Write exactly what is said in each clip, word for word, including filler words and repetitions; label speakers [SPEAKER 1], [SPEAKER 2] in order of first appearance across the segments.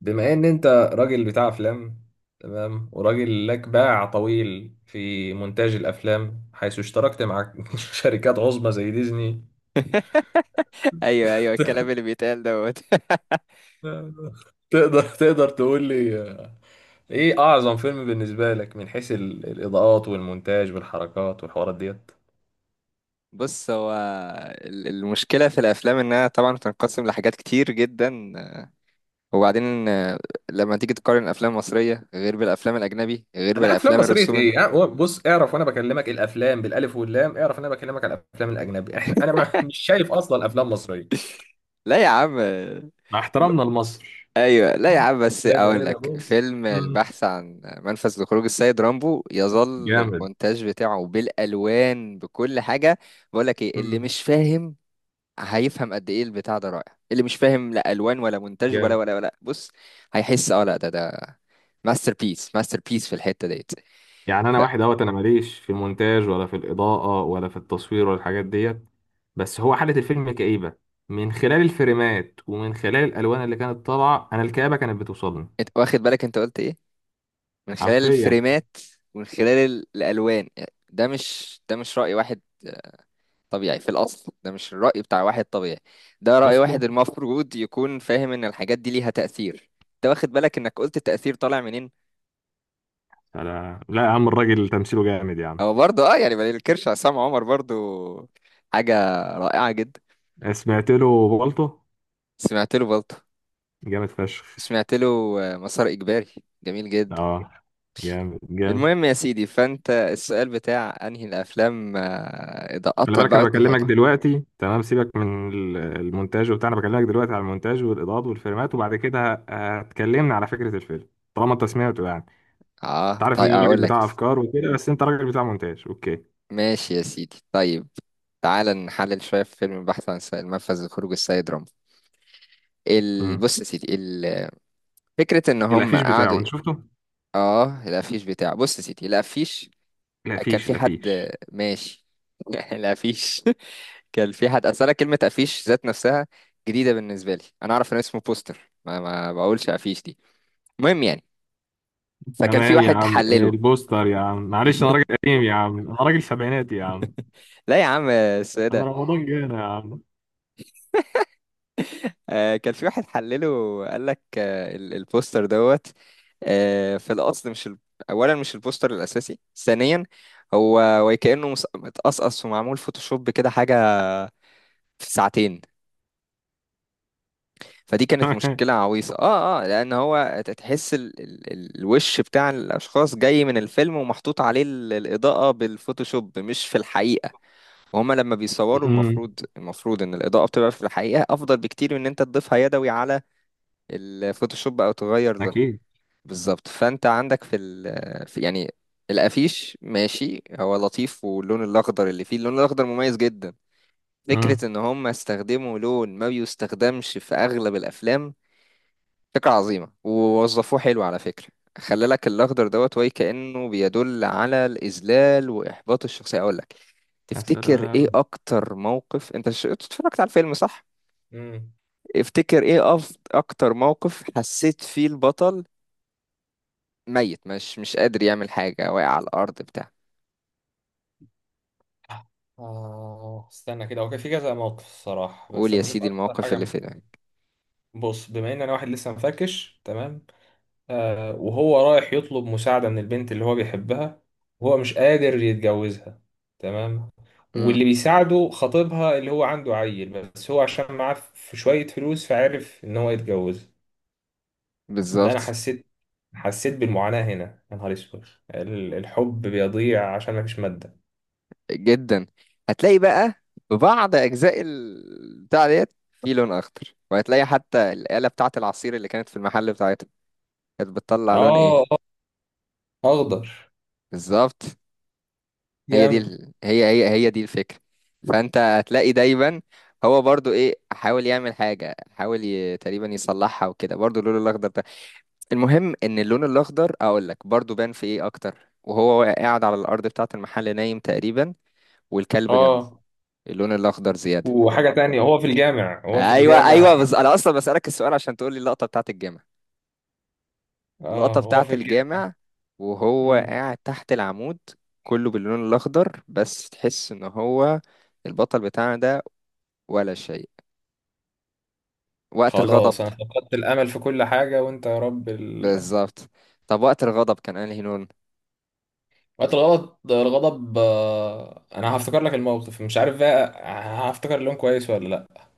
[SPEAKER 1] بما ان انت راجل بتاع افلام. تمام، وراجل لك باع طويل في مونتاج الافلام، حيث اشتركت مع شركات عظمى زي ديزني.
[SPEAKER 2] ايوه ايوه، الكلام اللي بيتقال دوت.
[SPEAKER 1] تقدر تقدر تقول لي آه، ايه اعظم فيلم بالنسبه لك من حيث ال- الاضاءات والمونتاج والحركات والحوارات ديت؟
[SPEAKER 2] بص، هو ال- المشكله في الافلام انها طبعا بتنقسم لحاجات كتير جدا. وبعدين آه، لما تيجي تقارن الافلام المصريه غير بالافلام الاجنبي غير
[SPEAKER 1] لا، افلام
[SPEAKER 2] بالافلام
[SPEAKER 1] مصريه
[SPEAKER 2] الرسوم ال-
[SPEAKER 1] ايه؟ آه، بص، اعرف وانا بكلمك الافلام بالالف واللام، اعرف ان انا بكلمك على الافلام الاجنبي. احنا انا ما- مش شايف اصلا افلام مصريه،
[SPEAKER 2] لا يا عم، آه،
[SPEAKER 1] مع
[SPEAKER 2] ب-
[SPEAKER 1] احترامنا لمصر.
[SPEAKER 2] ايوه، لا يا عم بس
[SPEAKER 1] ده ده
[SPEAKER 2] اقول
[SPEAKER 1] ده
[SPEAKER 2] لك
[SPEAKER 1] بص،
[SPEAKER 2] فيلم البحث عن منفذ لخروج السيد رامبو، يظل
[SPEAKER 1] جامد.
[SPEAKER 2] المونتاج بتاعه بالالوان بكل حاجه. بقول لك ايه اللي
[SPEAKER 1] مم.
[SPEAKER 2] مش فاهم؟ هيفهم قد ايه البتاع ده رائع. اللي مش فاهم لا الوان ولا مونتاج ولا
[SPEAKER 1] جامد.
[SPEAKER 2] ولا ولا بص، هيحس. اه لا، ده ده ماستر بيس ماستر بيس في الحته ديت.
[SPEAKER 1] يعني انا واحد اهوت، انا ماليش في المونتاج ولا في الاضاءه ولا في التصوير ولا الحاجات ديت. بس هو حاله الفيلم كئيبه، من خلال الفريمات ومن خلال الالوان اللي كانت طالعه، انا الكآبه كانت بتوصلني
[SPEAKER 2] فانت واخد بالك انت قلت ايه؟ من خلال
[SPEAKER 1] حرفيا.
[SPEAKER 2] الفريمات ومن خلال ال- الالوان. ده مش ده مش راي واحد طبيعي في الاصل. ده مش الراي بتاع واحد طبيعي، ده راي
[SPEAKER 1] اصلا.
[SPEAKER 2] واحد المفروض يكون فاهم ان الحاجات دي ليها تاثير. انت واخد بالك انك قلت التاثير طالع منين؟
[SPEAKER 1] لا لا يا عم، الراجل تمثيله جامد يا عم.
[SPEAKER 2] هو برضه اه يعني ما ننكرش عصام عمر برضه حاجه رائعه جدا.
[SPEAKER 1] سمعت له بالطو.
[SPEAKER 2] سمعت له برضه،
[SPEAKER 1] جامد فشخ.
[SPEAKER 2] سمعت له آه، مسار إجباري، جميل جدا.
[SPEAKER 1] اه. جامد جامد.
[SPEAKER 2] المهم يا سيدي، فأنت السؤال بتاع أنهي الأفلام آه، إضاءة
[SPEAKER 1] خلي
[SPEAKER 2] بقى
[SPEAKER 1] بالك، انا
[SPEAKER 2] ولا
[SPEAKER 1] بكلمك
[SPEAKER 2] حاجة؟
[SPEAKER 1] دلوقتي. تمام، سيبك من ال- المونتاج وبتاع، انا بكلمك دلوقتي على المونتاج والاضاءات والفريمات، وبعد كده اتكلمنا على فكره الفيلم طالما انت سمعته يعني. انت
[SPEAKER 2] آه
[SPEAKER 1] عارف ان
[SPEAKER 2] طيب
[SPEAKER 1] انا
[SPEAKER 2] أقول
[SPEAKER 1] راجل
[SPEAKER 2] لك يا
[SPEAKER 1] بتاع
[SPEAKER 2] سيدي.
[SPEAKER 1] افكار وكده، بس انت راجل بتاع مونتاج. اوكي.
[SPEAKER 2] ماشي يا سيدي، طيب تعال نحلل شوية في فيلم البحث عن سائل منفذ لخروج السيد رامبو. ال...
[SPEAKER 1] امم
[SPEAKER 2] بص يا سيدي، ال... فكرة إن هم
[SPEAKER 1] الافيش
[SPEAKER 2] قعدوا.
[SPEAKER 1] بتاعه انت شفته؟
[SPEAKER 2] آه، الأفيش بتاعه. بص يا سيدي، الأفيش كان
[SPEAKER 1] الافيش
[SPEAKER 2] في حد
[SPEAKER 1] الافيش
[SPEAKER 2] ماشي يعني لا فيش. كان في حد، اصل انا كلمه افيش ذات نفسها جديده بالنسبه لي. انا اعرف ان اسمه بوستر، ما, ما بقولش افيش دي. المهم يعني فكان في
[SPEAKER 1] تمام يا
[SPEAKER 2] واحد
[SPEAKER 1] عم،
[SPEAKER 2] حلله.
[SPEAKER 1] البوستر يا عم، معلش، انا راجل قديم يا عم، انا راجل سبعيناتي يا عم،
[SPEAKER 2] لا يا عم
[SPEAKER 1] انا
[SPEAKER 2] السيدة،
[SPEAKER 1] رمضان جانا يا عم.
[SPEAKER 2] آه كان في واحد حلله. قال لك آه، ال- البوستر دوت آه، في الاصل مش ال... اولا مش البوستر الاساسي. ثانيا هو وكأنه مس- متقصقص ومعمول فوتوشوب كده حاجه في ساعتين. فدي كانت مشكلة عويصة، اه اه لأن هو تحس ال ال ال- الوش بتاع الأشخاص جاي من الفيلم ومحطوط عليه ال- الإضاءة بالفوتوشوب مش في الحقيقة. وهما لما بيصوروا،
[SPEAKER 1] امم
[SPEAKER 2] المفروض المفروض إن الإضاءة بتبقى في الحقيقة أفضل بكتير من إن أنت تضيفها يدوي على الفوتوشوب أو تغير لونها.
[SPEAKER 1] اكيد.
[SPEAKER 2] بالظبط. فأنت عندك في, ال في يعني الأفيش ماشي. هو لطيف، واللون الأخضر اللي فيه، اللون الأخضر مميز جدا.
[SPEAKER 1] امم
[SPEAKER 2] فكرة إن هما استخدموا لون ما بيستخدمش في أغلب الأفلام. فكرة عظيمة ووظفوه حلو على فكرة. خلى لك الأخضر دوت وي كأنه بيدل على الإذلال وإحباط الشخصية. أقول لك،
[SPEAKER 1] يا
[SPEAKER 2] تفتكر إيه
[SPEAKER 1] سلام.
[SPEAKER 2] أكتر موقف؟ أنت ش... أنت اتفرجت على الفيلم صح؟
[SPEAKER 1] مم.
[SPEAKER 2] افتكر إيه أف... أكتر موقف حسيت فيه البطل ميت، مش مش قادر يعمل حاجة، واقع على الأرض بتاع.
[SPEAKER 1] آه استنى كده، هو كان في كذا موقف الصراحة،
[SPEAKER 2] قول
[SPEAKER 1] بس
[SPEAKER 2] يا
[SPEAKER 1] لما أشوف
[SPEAKER 2] سيدي
[SPEAKER 1] أكتر
[SPEAKER 2] المواقف
[SPEAKER 1] حاجة
[SPEAKER 2] اللي
[SPEAKER 1] م-
[SPEAKER 2] في ده.
[SPEAKER 1] بص، بما إن أنا واحد لسه مفركش. تمام. آه وهو رايح يطلب مساعدة من البنت اللي هو بيحبها، وهو مش قادر يتجوزها. تمام. واللي
[SPEAKER 2] امم.
[SPEAKER 1] بيساعده خطيبها، اللي هو عنده عيل، بس هو عشان معاه في شوية فلوس فعرف إن هو يتجوز. ده أنا
[SPEAKER 2] بالظبط،
[SPEAKER 1] حسيت حسيت بالمعاناة هنا. يا نهار أسود، ال- الحب بيضيع عشان مفيش مادة.
[SPEAKER 2] جدا. هتلاقي بقى بعض اجزاء ال- بتاع ديت في لون اخضر. وهتلاقي حتى الآلة بتاعة العصير اللي كانت في المحل بتاعتها كانت بتطلع لون ايه؟
[SPEAKER 1] آه آه، أخضر.
[SPEAKER 2] بالظبط، هي دي
[SPEAKER 1] جامد.
[SPEAKER 2] ال... هي هي هي دي الفكرة. فانت هتلاقي دايما هو برضو ايه، حاول يعمل حاجة، حاول ي... تقريبا يصلحها وكده برضو اللون الاخضر ده. المهم ان اللون الاخضر، اقول لك برضو، بان في ايه اكتر وهو قاعد على الارض بتاعة المحل نايم تقريبا والكلب جنبه،
[SPEAKER 1] آه
[SPEAKER 2] اللون الاخضر زيادة.
[SPEAKER 1] وحاجة تانية، هو في الجامع هو في
[SPEAKER 2] ايوه ايوه،
[SPEAKER 1] الجامع
[SPEAKER 2] بس انا اصلا بسالك السؤال عشان تقول لي اللقطه بتاعت الجامع.
[SPEAKER 1] اه،
[SPEAKER 2] اللقطه
[SPEAKER 1] هو في
[SPEAKER 2] بتاعت
[SPEAKER 1] الجامع.
[SPEAKER 2] الجامع وهو
[SPEAKER 1] مم.
[SPEAKER 2] قاعد تحت العمود كله باللون الاخضر، بس تحس ان هو البطل بتاعنا ده ولا شيء وقت الغضب.
[SPEAKER 1] خلاص، انا فقدت الامل في كل حاجة. وانت يا رب ال...
[SPEAKER 2] بالظبط. طب وقت الغضب كان انهي لون؟
[SPEAKER 1] وقت الغلط الغضب، آه، انا هفتكر لك الموقف، مش عارف بقى، هفتكر اللون كويس ولا لا.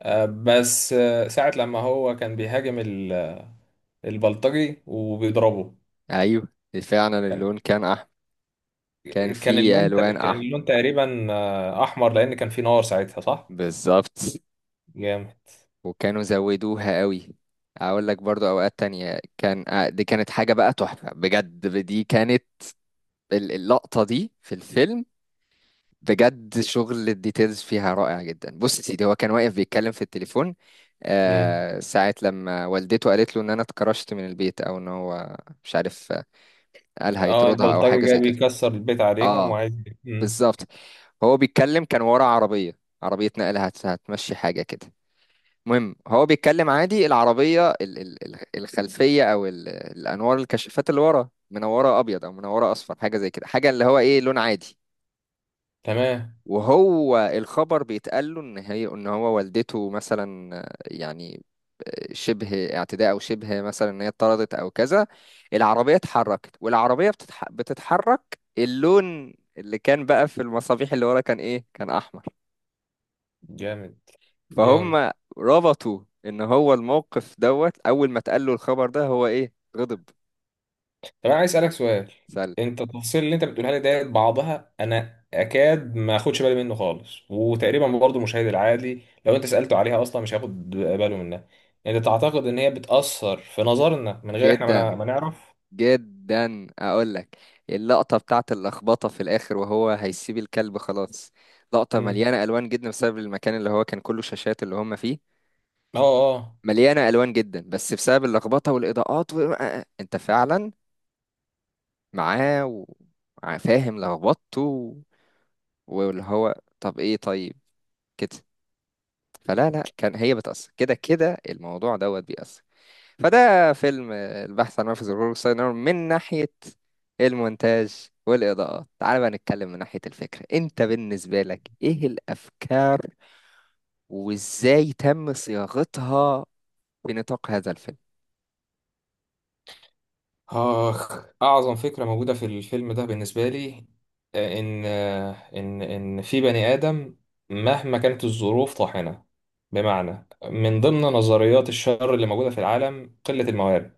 [SPEAKER 1] آه، بس آه، ساعة لما هو كان بيهاجم ال- البلطجي وبيضربه.
[SPEAKER 2] ايوه، فعلا اللون كان احمر، كان
[SPEAKER 1] كان
[SPEAKER 2] فيه
[SPEAKER 1] اللون ت-
[SPEAKER 2] الوان
[SPEAKER 1] كان
[SPEAKER 2] احمر.
[SPEAKER 1] اللون تقريبا آه، احمر، لان كان في نار ساعتها، صح؟
[SPEAKER 2] بالظبط،
[SPEAKER 1] جامد.
[SPEAKER 2] وكانوا زودوها قوي. اقول لك برضو اوقات تانية كان آه، دي كانت حاجة بقى تحفة بجد. دي كانت ال- اللقطة دي في الفيلم بجد شغل الديتيلز فيها رائع جدا. بص يا سيدي، هو كان واقف بيتكلم في التليفون
[SPEAKER 1] مم.
[SPEAKER 2] آه ساعة لما والدته قالت له ان انا اتكرشت من البيت، او ان هو مش عارف آه، قال
[SPEAKER 1] اه،
[SPEAKER 2] هيطردها او
[SPEAKER 1] البلطجي
[SPEAKER 2] حاجة
[SPEAKER 1] جاي
[SPEAKER 2] زي كده.
[SPEAKER 1] بيكسر البيت عليهم
[SPEAKER 2] اه
[SPEAKER 1] وعايز. مم.
[SPEAKER 2] بالظبط. هو بيتكلم، كان ورا عربية، عربية نقل هت- هتمشي حاجة كده. المهم هو بيتكلم عادي، العربية ال ال ال- الخلفية او ال الانوار الكشافات اللي ورا منورة ابيض او منورة اصفر، حاجة زي كده، حاجة اللي هو ايه، لون عادي.
[SPEAKER 1] تمام.
[SPEAKER 2] وهو الخبر بيتقال له ان هي، ان هو والدته مثلا يعني شبه اعتداء، او شبه مثلا ان هي اتطردت او كذا. العربيه اتحركت، والعربيه بتتح... بتتحرك، اللون اللي كان بقى في المصابيح اللي ورا كان ايه؟ كان احمر.
[SPEAKER 1] جامد جامد.
[SPEAKER 2] فهم، ربطوا ان هو الموقف دوت اول ما اتقال له الخبر ده هو ايه؟ غضب.
[SPEAKER 1] طب انا عايز اسالك سؤال.
[SPEAKER 2] سل.
[SPEAKER 1] انت التفاصيل اللي انت بتقولها لي ديت، بعضها انا اكاد ما اخدش بالي منه خالص، وتقريبا برضه المشاهد العادي لو انت سالته عليها اصلا مش هياخد باله منها. انت تعتقد ان هي بتاثر في نظرنا من غير احنا ما نع-
[SPEAKER 2] جدا
[SPEAKER 1] ما نعرف؟
[SPEAKER 2] جدا اقول لك. اللقطه بتاعت اللخبطه في الاخر وهو هيسيب الكلب خلاص، لقطه
[SPEAKER 1] امم.
[SPEAKER 2] مليانه الوان جدا بسبب المكان اللي هو كان كله شاشات اللي هم فيه.
[SPEAKER 1] اه. آه.
[SPEAKER 2] مليانه الوان جدا بس بسبب اللخبطه والاضاءات و... انت فعلا معاه و- وفاهم لخبطته و- واللي هو طب ايه؟ طيب كده، فلا لا كان هي بتأثر، كده كده الموضوع دوت بيأثر. فده فيلم البحث عن منفذ للخروج السينما من ناحية المونتاج والإضاءات. تعال بقى نتكلم من ناحية الفكرة. أنت بالنسبة لك إيه الأفكار وإزاي تم صياغتها في نطاق هذا الفيلم؟
[SPEAKER 1] آخ، أعظم فكرة موجودة في الفيلم ده بالنسبة لي، آه، إن آه، إن إن في بني آدم مهما كانت الظروف طاحنة. بمعنى، من ضمن نظريات الشر اللي موجودة في العالم قلة الموارد.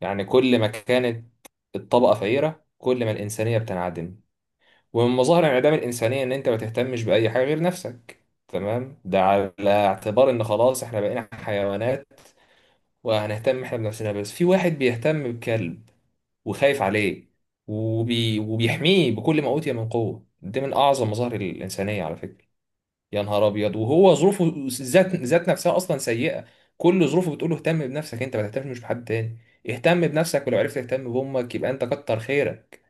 [SPEAKER 1] يعني كل ما كانت الطبقة فقيرة، كل ما الإنسانية بتنعدم. ومن مظاهر انعدام الإنسانية إن أنت ما تهتمش بأي حاجة غير نفسك. تمام، ده على اعتبار إن خلاص إحنا بقينا حيوانات، وهنهتم إحنا بنفسنا. بس في واحد بيهتم بكلب، وخايف عليه، وبي... وبيحميه بكل ما أوتي من قوة. دي من أعظم مظاهر الإنسانية على فكرة. يا نهار أبيض، وهو ظروفه ذات ذات نفسها أصلا سيئة. كل ظروفه بتقول له اهتم بنفسك، أنت ما تهتمش بحد تاني. اهتم بنفسك، ولو عرفت تهتم بأمك يبقى أنت كتر خيرك.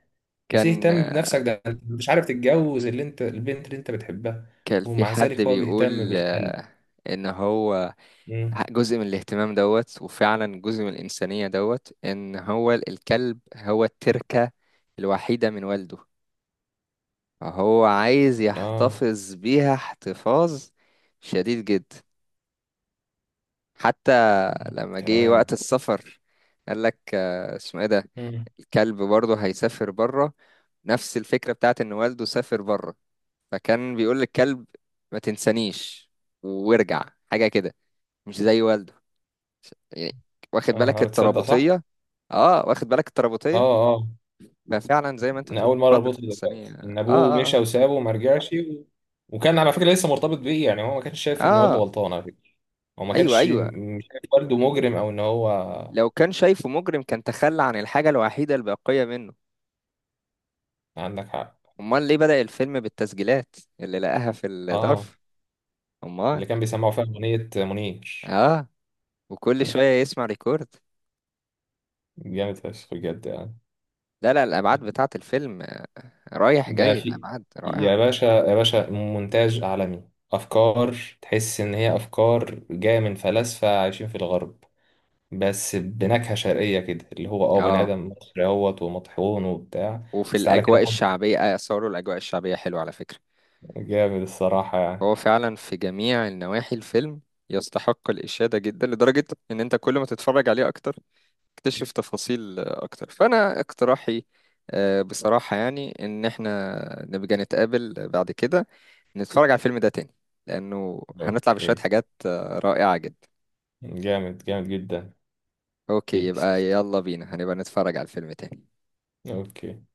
[SPEAKER 1] يا سيدي
[SPEAKER 2] كان
[SPEAKER 1] اهتم بنفسك، ده أنت مش عارف تتجوز اللي أنت، البنت اللي أنت بتحبها.
[SPEAKER 2] كان في
[SPEAKER 1] ومع
[SPEAKER 2] حد
[SPEAKER 1] ذلك هو بيهتم
[SPEAKER 2] بيقول
[SPEAKER 1] بالكلب.
[SPEAKER 2] آه، إن هو
[SPEAKER 1] مم.
[SPEAKER 2] جزء من الاهتمام دوت، وفعلا جزء من الإنسانية دوت، إن هو الكلب هو التركة الوحيدة من والده. هو عايز
[SPEAKER 1] آه.
[SPEAKER 2] يحتفظ بيها احتفاظ شديد جدا، حتى لما جه
[SPEAKER 1] تمام.
[SPEAKER 2] وقت السفر قال لك آه، اسمه ايه ده،
[SPEAKER 1] مم.
[SPEAKER 2] الكلب برضه هيسافر بره. نفس الفكرة بتاعت ان والده سافر بره، فكان بيقول للكلب ما تنسانيش وارجع، حاجة كده، مش زي والده يعني. واخد
[SPEAKER 1] آه.
[SPEAKER 2] بالك
[SPEAKER 1] أنا تصدق صح؟
[SPEAKER 2] الترابطية؟ اه، واخد بالك
[SPEAKER 1] آه.
[SPEAKER 2] الترابطية.
[SPEAKER 1] آه.
[SPEAKER 2] ففعلا زي ما انت
[SPEAKER 1] أنا
[SPEAKER 2] بتقول
[SPEAKER 1] أول مرة
[SPEAKER 2] قدر
[SPEAKER 1] أربطها
[SPEAKER 2] الإنسانية.
[SPEAKER 1] دلوقتي، إن أبوه
[SPEAKER 2] اه
[SPEAKER 1] مشى
[SPEAKER 2] اه
[SPEAKER 1] وسابه وما رجعش و... وكان على فكرة لسه مرتبط بيه يعني، هو ما كانش شايف إن
[SPEAKER 2] اه
[SPEAKER 1] والده
[SPEAKER 2] آه،
[SPEAKER 1] غلطان على فكرة. هو ما
[SPEAKER 2] ايوه
[SPEAKER 1] كانش
[SPEAKER 2] ايوه،
[SPEAKER 1] م- مش شايف والده مجرم، أو إن هو.
[SPEAKER 2] لو كان شايفه مجرم كان تخلى عن الحاجة الوحيدة الباقية منه.
[SPEAKER 1] عندك حق.
[SPEAKER 2] أمال ليه بدأ الفيلم بالتسجيلات اللي لقاها في
[SPEAKER 1] آه
[SPEAKER 2] الظرف؟ أمال.
[SPEAKER 1] اللي كان بيسمعه فيها أغنية منير.
[SPEAKER 2] آه، وكل شوية يسمع ريكورد.
[SPEAKER 1] جامد فشخ بجد يعني.
[SPEAKER 2] لا لا، الأبعاد بتاعة الفيلم رايح
[SPEAKER 1] ده
[SPEAKER 2] جاي،
[SPEAKER 1] في،
[SPEAKER 2] الأبعاد رائعة.
[SPEAKER 1] يا باشا يا باشا، مونتاج عالمي، أفكار. تحس إن هي أفكار جاية من فلاسفة عايشين في الغرب، بس بنكهة شرقية كده، اللي هو اه بني
[SPEAKER 2] آه،
[SPEAKER 1] آدم مصري اهوت ومطحون وبتاع.
[SPEAKER 2] وفي
[SPEAKER 1] بس تعالى كده
[SPEAKER 2] الأجواء
[SPEAKER 1] خد،
[SPEAKER 2] الشعبية، آه صوروا الأجواء الشعبية حلوة على فكرة.
[SPEAKER 1] جامد الصراحة
[SPEAKER 2] هو
[SPEAKER 1] يعني.
[SPEAKER 2] فعلا في جميع النواحي الفيلم يستحق الإشادة جدا، لدرجة إن أنت كل ما تتفرج عليه أكتر اكتشف تفاصيل اكتر. فانا اقتراحي آه، بصراحة يعني ان احنا نبقى نتقابل بعد كده نتفرج على الفيلم ده تاني، لانه هنطلع بشوية
[SPEAKER 1] اوكي.
[SPEAKER 2] حاجات آه، رائعة جدا.
[SPEAKER 1] جامد جامد جدا.
[SPEAKER 2] اوكي،
[SPEAKER 1] بيس.
[SPEAKER 2] يبقى يلا بينا، هنبقى نتفرج على الفيلم تاني.
[SPEAKER 1] اوكي.